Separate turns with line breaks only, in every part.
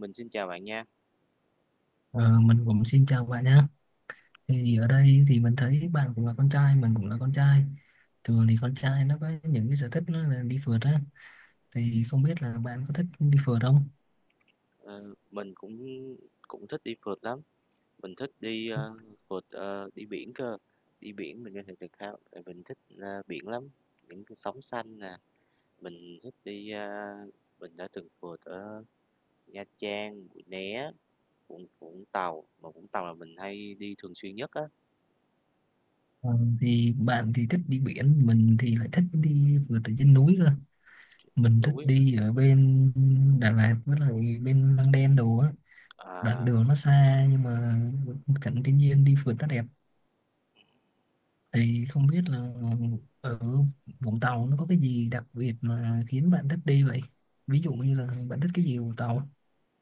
Mình xin chào bạn nha.
Ờ, mình cũng xin chào bạn nhé. Thì ở đây thì mình thấy bạn cũng là con trai, mình cũng là con trai. Thường thì con trai nó có những cái sở thích nó là đi phượt á. Thì không biết là bạn có thích đi phượt không?
Ờ, mình cũng cũng thích đi phượt lắm, mình thích đi, ơ, phượt, ờ, đi biển cơ. Đi biển mình có thể được khá tại mình thích, a, biển lắm, những cái sóng xanh nè, mình thích đi, a mình đã từng phượt ở Nha Trang, Mũi Né, Vũng Vũng Tàu, mà Vũng Tàu là mình hay đi thường xuyên nhất á.
Ờ, thì bạn thì thích đi biển, mình thì lại thích đi phượt ở trên núi cơ. Mình thích
Núi nè,
đi ở bên Đà Lạt với lại bên Măng Đen đồ á. Đoạn
à.
đường nó xa nhưng mà cảnh thiên nhiên đi phượt nó đẹp. Thì không biết là ở Vũng Tàu nó có cái gì đặc biệt mà khiến bạn thích đi vậy? Ví dụ như là bạn thích cái gì ở Vũng Tàu?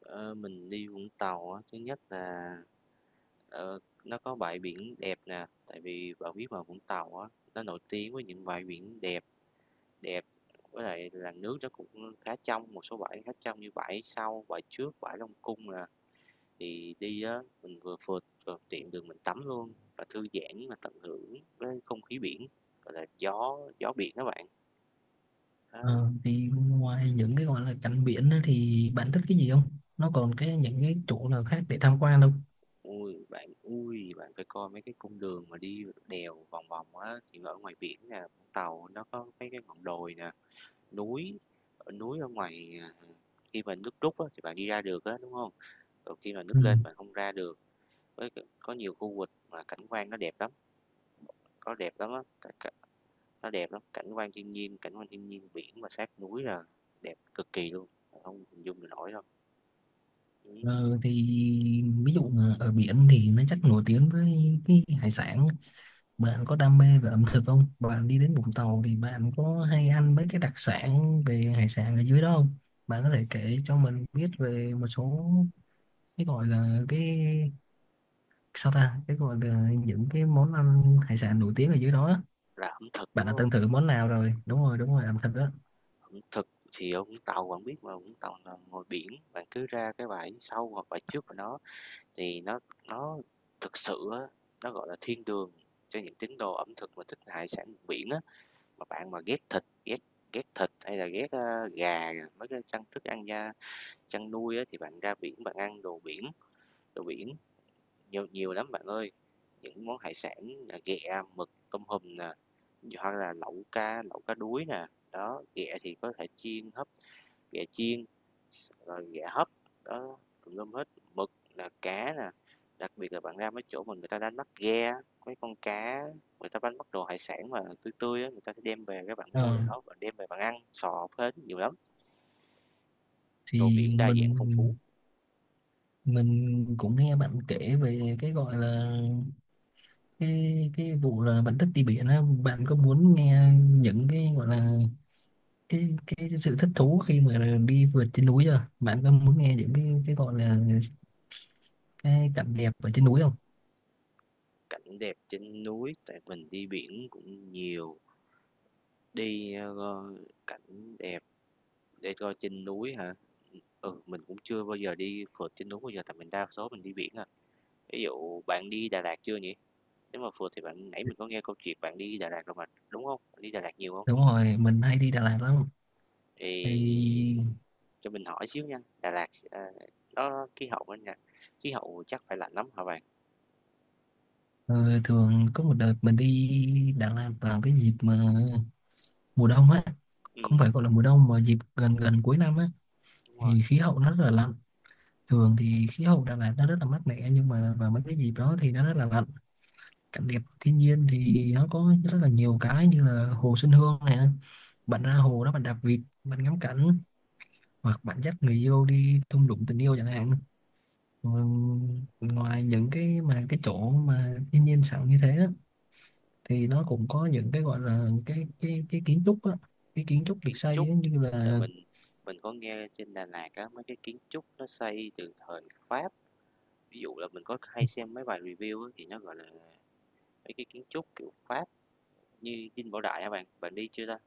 Ờ, mình đi Vũng Tàu á, thứ nhất là, ờ, nó có bãi biển đẹp nè, tại vì bạn biết mà Vũng Tàu á, nó nổi tiếng với những bãi biển đẹp đẹp, với lại là nước nó cũng khá trong, một số bãi khá trong như bãi sau, bãi trước, bãi Long Cung nè. Thì đi á, mình vừa phượt vừa tiện đường mình tắm luôn và thư giãn mà tận hưởng với không khí biển, gọi là gió gió biển các bạn, đó.
Ờ, thì ngoài những cái gọi là cảnh biển á thì bạn thích cái gì không? Nó còn cái những cái chỗ nào khác để tham quan không?
Ui bạn, ui, bạn phải coi mấy cái cung đường mà đi đèo vòng vòng á, thì ở ngoài biển nè, Vũng Tàu nó có mấy cái ngọn đồi nè, núi, núi ở ngoài à, khi mà nước rút á, thì bạn đi ra được á, đúng không? Còn khi mà
Ừ.
nước lên bạn không ra được. Có nhiều khu vực mà cảnh quan nó đẹp lắm, có đẹp lắm á, cả, cả, nó đẹp lắm, cảnh quan thiên nhiên, biển mà sát núi là đẹp cực kỳ luôn, không hình dung được nổi đâu. Ừ.
Ờ, thì ví dụ mà ở biển thì nó chắc nổi tiếng với cái hải sản. Bạn có đam mê về ẩm thực không? Bạn đi đến Vũng Tàu thì bạn có hay ăn mấy cái đặc sản về hải sản ở dưới đó không? Bạn có thể kể cho mình biết về một số cái gọi là cái sao ta cái gọi là những cái món ăn hải sản nổi tiếng ở dưới đó á.
Là ẩm thực
Bạn
đúng
đã
không?
từng thử món nào rồi? Đúng rồi, đúng rồi, ẩm thực đó.
Thực thì ở Vũng Tàu bạn biết mà, Vũng Tàu là ngồi biển, bạn cứ ra cái bãi sau hoặc bãi trước của nó thì nó thực sự á, nó, gọi là, thiên đường cho những tín đồ ẩm thực mà thích hải sản vùng biển á. Mà bạn mà ghét thịt, ghét ghét thịt hay là ghét, a, gà, mấy cái chăn thức ăn da chăn nuôi á, thì bạn ra biển bạn ăn đồ biển nhiều nhiều lắm bạn ơi. Những món hải sản là ghẹ, mực, tôm hùm nè, hoặc là lẩu cá đuối nè, đó, ghẹ thì có thể chiên, hấp, ghẹ chiên, rồi ghẹ hấp, đó, tùm lum hết. Mực, là cá nè, đặc biệt là bạn ra mấy chỗ mà người ta đánh bắt ghe, mấy con cá người ta đánh bắt đồ hải sản mà tươi tươi á, người ta sẽ đem về, các bạn mua
Ờ,
lại đó, bạn đem về bạn ăn sò hết, nhiều lắm, đồ
thì
biển đa dạng phong phú.
mình cũng nghe bạn kể về cái gọi là cái vụ là bạn thích đi biển á. Bạn có muốn nghe những cái gọi là cái sự thích thú khi mà đi vượt trên núi chưa? Bạn có muốn nghe những cái gọi là cái cảnh đẹp ở trên núi không?
Cảnh đẹp trên núi tại mình đi biển cũng nhiều, đi, ờ, cảnh đẹp để coi trên núi hả? Ừ, mình cũng chưa bao giờ đi phượt trên núi bao giờ, tại mình đa số mình đi biển à. Ví dụ bạn đi Đà Lạt chưa nhỉ? Nếu mà phượt thì bạn nãy mình có nghe câu chuyện bạn đi Đà Lạt rồi mà, đúng không? Bạn đi Đà Lạt nhiều không?
Đúng rồi, mình hay đi Đà Lạt lắm. Thì
Thì cho mình hỏi xíu nha, Đà Lạt, ờ, nó khí hậu bên nha, khí hậu chắc phải lạnh lắm hả bạn?
ờ, thường có một đợt mình đi Đà Lạt vào cái dịp mà mùa đông á, không
Ừ,
phải gọi là mùa đông mà dịp gần gần cuối năm á,
đúng rồi.
thì khí hậu nó rất là lạnh. Thường thì khí hậu Đà Lạt nó rất là mát mẻ nhưng mà vào mấy cái dịp đó thì nó rất là lạnh. Cảnh đẹp thiên nhiên thì nó có rất là nhiều cái như là hồ Xuân Hương này, bạn ra hồ đó bạn đạp vịt bạn ngắm cảnh, hoặc bạn dắt người yêu đi thung lũng tình yêu chẳng hạn. Ừ, ngoài những cái mà cái chỗ mà thiên nhiên sẵn như thế á, thì nó cũng có những cái gọi là cái kiến trúc á, cái kiến trúc được
Kiến
xây
trúc,
á, như
tại
là
mình có nghe trên Đà Lạt á, mấy cái kiến trúc nó xây từ thời Pháp, ví dụ là mình có hay xem mấy bài review á, thì nó, gọi là, mấy cái kiến trúc kiểu Pháp như Dinh Bảo Đại hả bạn? Bạn đi chưa ta?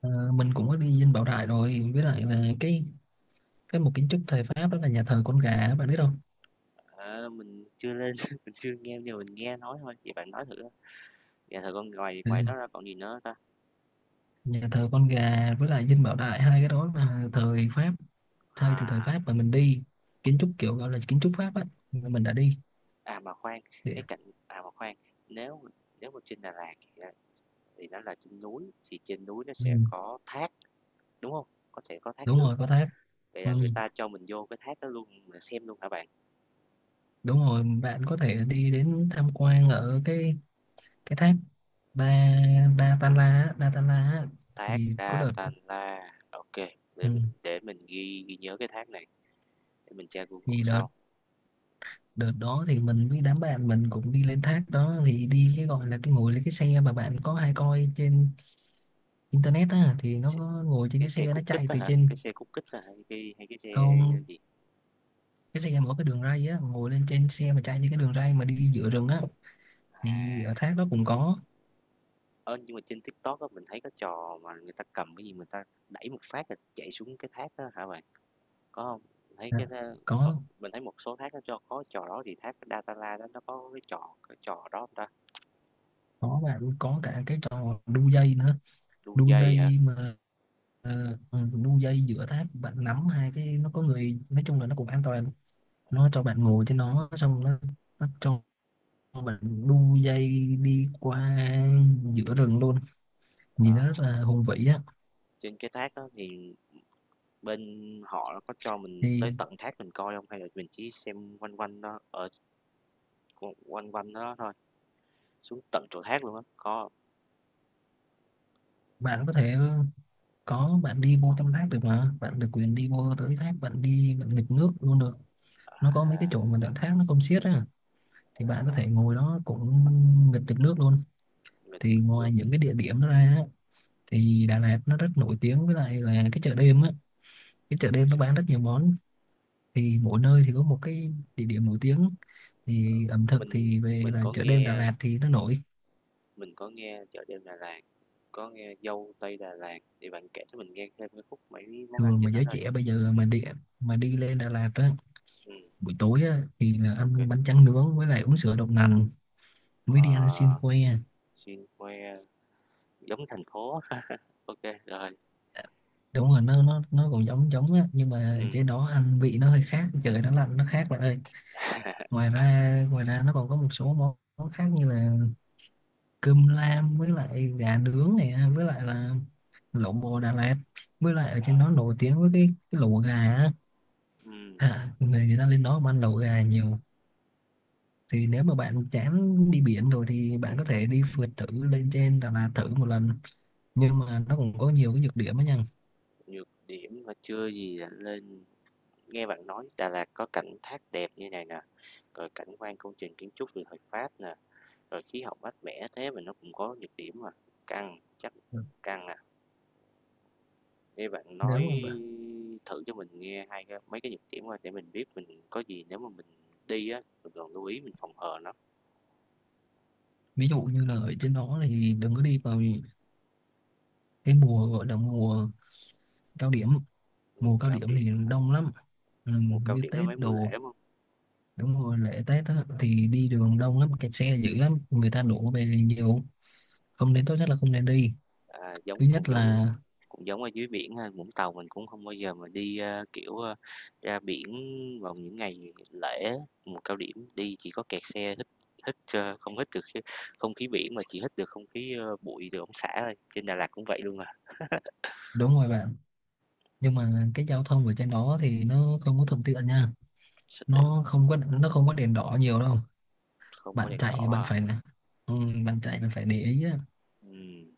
ờ, mình cũng có đi Dinh Bảo Đại rồi, với lại là cái một kiến trúc thời Pháp đó là nhà thờ con gà bạn biết không?
À, mình chưa lên, mình chưa nghe nhưng mà mình nghe nói thôi, vậy bạn nói thử. Dạ thật không, ngoài
Ừ,
ngoài đó ra còn gì nữa hông ta?
nhà thờ con gà với lại Dinh Bảo Đại hai cái đó là thời Pháp, xây từ thời
À,
Pháp mà mình đi, kiến trúc kiểu gọi là kiến trúc Pháp á, mình đã đi.
à, mà khoan,
Thì,
cái cạnh, à, mà khoan, nếu nếu mà trên Đà Lạt thì, à, thì nó là trên núi, thì trên núi nó
ừ,
sẽ có thác, đúng không? Có sẽ có thác
đúng
nước,
rồi, có thác.
vậy
Ừ,
là người ta cho mình vô cái thác đó luôn mình xem luôn hả bạn?
đúng rồi, bạn có thể đi đến tham quan ở cái thác Đa Đa Tan La á, Đa Tan La á.
Thác
Thì có đợt.
Datanla, la ok. để
Ừ.
mình để mình ghi ghi nhớ cái thác này, để mình tra Google
Thì đợt
sau.
đợt đó thì mình với đám bạn mình cũng đi lên thác đó, thì đi cái gọi là cái ngồi lên cái xe mà bạn có hay coi trên internet á, thì nó
X
có ngồi trên
cái
cái
xe
xe nó
Cút kích
chạy
đó
từ
hả? Cái
trên.
xe Cút Kít hay cái xe
Không,
gì?
cái xe mở cái đường ray á, ngồi lên trên xe mà chạy trên cái đường ray mà đi giữa rừng á.
À.
Thì ở thác đó cũng có.
Ơ, nhưng mà trên TikTok á, mình thấy có trò mà người ta cầm cái gì người ta đẩy một phát là chạy xuống cái thác đó hả bạn? Có không? Mình thấy
À,
cái đó có,
có
mình thấy một số thác nó cho có trò đó, thì thác datala đó nó có cái trò đó hông ta?
có, bạn có cả cái trò đu dây nữa.
Đu
Đu
dây hả?
dây mà. Ờ, ừ, đu dây giữa thác, bạn nắm hai cái, nó có người, nói chung là nó cũng an toàn. Nó cho bạn ngồi trên nó, xong nó cho mình đu dây đi qua giữa rừng luôn.
Ờ,
Nhìn nó rất là hùng vĩ á.
trên cái thác đó thì bên họ nó có cho mình tới
Thì
tận thác mình coi không? Hay là mình chỉ xem quanh quanh đó, ở quanh quanh đó thôi, xuống tận chỗ thác luôn á, có hông?
bạn có thể có, bạn đi vô trong thác được mà, bạn được quyền đi vô tới thác, bạn đi bạn nghịch nước luôn được. Nó có mấy
À,
cái chỗ mà đoạn thác nó không xiết á, thì bạn có
rồi,
thể ngồi đó cũng nghịch được nước luôn.
mình
Thì ngoài
đúng,
những cái địa điểm đó ra á, thì Đà Lạt nó rất nổi tiếng với lại là cái chợ đêm á. Cái chợ đêm
ch
nó bán rất nhiều món. Thì mỗi nơi thì có một cái địa điểm nổi tiếng, thì ẩm thực
mình
thì về
mình
là
có
chợ đêm Đà
nghe.
Lạt thì nó nổi.
Mình có nghe Chợ Đêm Đà Lạt, có nghe Dâu Tây Đà Lạt, thì bạn kể cho mình nghe thêm cái khúc mấy món ăn
Thường mà
trên đó
giới
thôi.
trẻ bây giờ mà đi, mà đi lên Đà Lạt á
Ừ,
buổi tối á, thì là
ok, kê.
ăn bánh tráng nướng với lại uống sữa đậu nành, mới đi ăn xiên
Ờ,
que.
xin khoe giống thành phố. Ok, rồi.
Đúng rồi, nó còn giống giống á, nhưng
Ừ,
mà trên đó ăn vị nó hơi khác, trời nó lạnh nó khác bạn ơi. Ngoài ra nó còn có một số món món khác như là cơm lam với lại gà nướng này, với lại là lẩu bò Đà Lạt, với lại ở trên đó nổi tiếng với cái lẩu gà á.
ừ.
À, người người ta lên đó mà ăn lẩu gà nhiều. Thì nếu mà bạn chán đi biển rồi thì bạn có thể đi phượt thử lên trên Đà Lạt thử một lần, nhưng mà nó cũng có nhiều cái nhược điểm á nha.
Nhược điểm mà chưa gì là lên nghe bạn nói Đà Lạt có cảnh thác đẹp như này nè, rồi cảnh quan công trình kiến trúc từ thời Pháp nè, rồi khí hậu mát mẻ thế mà nó cũng có nhược điểm mà, căng, chắc căng à. Nghe bạn
Nếu
nói
mà bạn-
thử cho mình nghe hai cái mấy cái nhược điểm qua để mình biết mình có gì nếu mà mình đi á, mình còn lưu ý mình phòng hờ nó.
ví dụ như là ở trên đó thì đừng có đi vào cái mùa gọi là mùa cao điểm.
Mùa
Mùa cao
cao
điểm
điểm,
thì đông lắm. Ừ,
mùa cao
như
điểm là
Tết
mấy mùa lễ
đồ.
đúng hông?
Đúng rồi, lễ Tết đó, thì đi đường đông lắm, kẹt xe dữ lắm, người ta đổ về nhiều, không nên, tốt nhất là không nên đi.
À,
Thứ
giống
nhất
cũng giống
là
cũng giống ở dưới biển ha, Vũng Tàu mình cũng không bao giờ mà đi, a, kiểu, a, ra biển vào những ngày lễ, mùa cao điểm, đi chỉ có kẹt xe, hít hít, ơ, không hít được khí, không khí biển mà chỉ hít được không khí, ơ, bụi từ ống xả thôi. Trên Đà Lạt cũng vậy luôn à.
đúng rồi bạn, nhưng mà cái giao thông ở trên đó thì nó không có thuận tiện nha.
Sao tiểu-
Nó không có đèn đỏ nhiều đâu.
Không có
Bạn
đèn
chạy
đỏ
bạn
à.
phải là, ừ, bạn chạy bạn phải để ý á.
Ừm.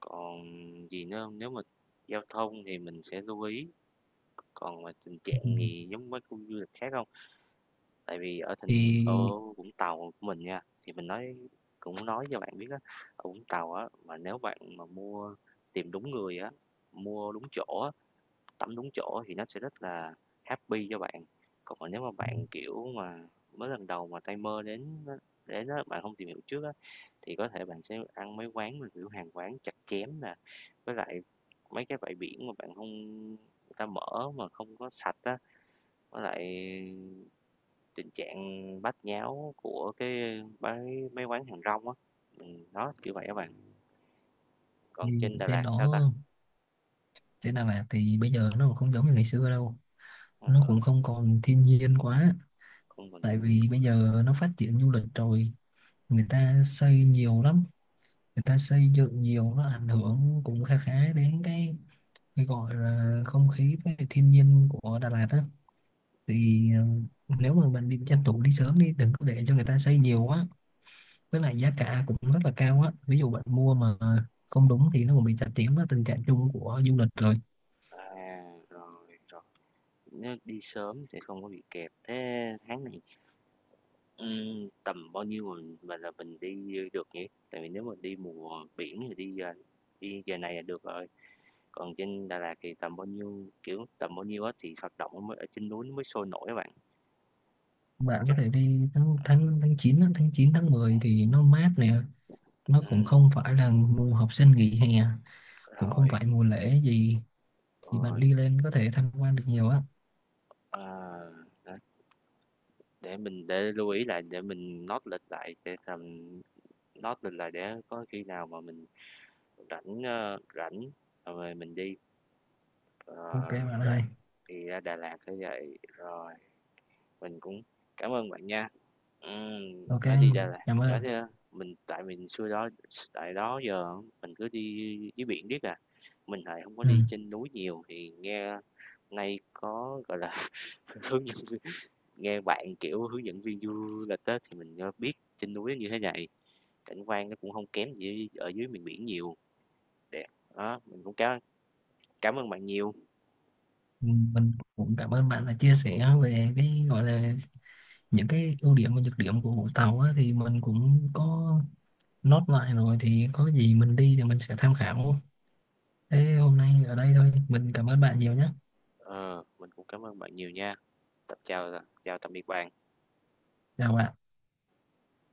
Còn gì nữa hông? Nếu mà giao thông thì mình sẽ lưu ý, còn mà tình
Ừ.
trạng thì giống mấy khu du lịch khác không? Tại vì ở thành ở
thì,
Vũng Tàu của mình nha, thì mình nói cũng nói cho bạn biết á, ở Vũng Tàu á, mà nếu bạn mà mua, tìm đúng người á, mua đúng chỗ á, tắm đúng chỗ thì nó sẽ rất là happy cho bạn. Còn nếu mà bạn, kiểu mà, mới lần đầu mà tay mơ đến á, bạn không tìm hiểu trước á, thì có thể bạn sẽ ăn mấy quán mà, kiểu, hàng quán chặt chém nè, với lại mấy cái bãi biển mà bạn không, người ta mở mà không có sạch á, với lại tình trạng bát nháo của cái bái mấy quán hàng rong á. Đó, kiểu vậy các bạn. Còn
thì
trên Đà
đèn
Lạt
đỏ
sao ta?
trên đà lạt thì bây giờ nó không giống như ngày xưa đâu.
Ờ,
Nó cũng không còn thiên nhiên quá.
không còn
Tại
thiên nhiên
vì bây
quá.
giờ nó phát triển du lịch rồi, người ta xây nhiều lắm, người ta xây dựng nhiều, nó ảnh hưởng cũng khá khá đến cái gọi là không khí với lại thiên nhiên của Đà Lạt á. Thì ừ, nếu mà bạn đi tranh thủ đi sớm đi, đừng có để cho người ta xây nhiều quá. Với lại giá cả cũng rất là cao á, ví dụ bạn mua mà không đúng thì nó cũng bị chặt chém đó, tình trạng chung của du lịch rồi.
À, rồi, rồi. Nếu đi sớm để không có bị kẹt. Thế tháng này, tầm bao nhiêu mình mà là mình đi được nhỉ? Tại vì nếu mà đi mùa biển thì đi giờ này là được rồi. Còn trên Đà Lạt thì kiểu, tầm bao nhiêu á thì hoạt động mới ở trên núi nó mới sôi nổi các bạn.
Bạn có
Chắc
thể đi tháng tháng tháng 9 á, tháng 9 tháng 10 thì nó mát nè. Nó cũng
ừm,
không phải là mùa học sinh nghỉ hè, cũng không
rồi,
phải mùa lễ gì, thì bạn
rồi,
đi lên có thể tham quan được nhiều á.
ờ, đó, để mình để lưu ý lại để mình note lịch lại, để tầm note lịch lại để có khi nào mà mình rảnh rồi mình đi.
Ok
Ờ,
bạn
Đà
ơi.
thì ra Đà Lạt phải vậy, rồi mình cũng cảm ơn bạn nha.
Ok,
Nói đi Đà Lạt,
cảm
nói
ơn.
ra mình, tại mình xưa đó, tại đó giờ mình cứ đi dưới biển riết à, mình lại không có
Ừ.
đi trên núi nhiều, thì nghe nay có, gọi là, hướng dẫn viên, nghe bạn, kiểu, hướng dẫn viên du lịch á thì mình, ơ, biết trên núi như thế này, cảnh quan nó cũng không kém gì ở dưới miền biển nhiều, đẹp. Đó, mình cũng cảm cảm ơn bạn nhiều,
Mình cũng cảm ơn bạn đã chia sẻ về cái gọi là những cái ưu điểm và nhược điểm của Vũng Tàu á, thì mình cũng có nốt lại rồi, thì có gì mình đi thì mình sẽ tham khảo. Thế hôm nay ở đây thôi, mình cảm ơn bạn nhiều nhé.
ờ, mình cũng cảm ơn bạn nhiều nha. Tập chào chào tạm biệt bạn.
Chào bạn.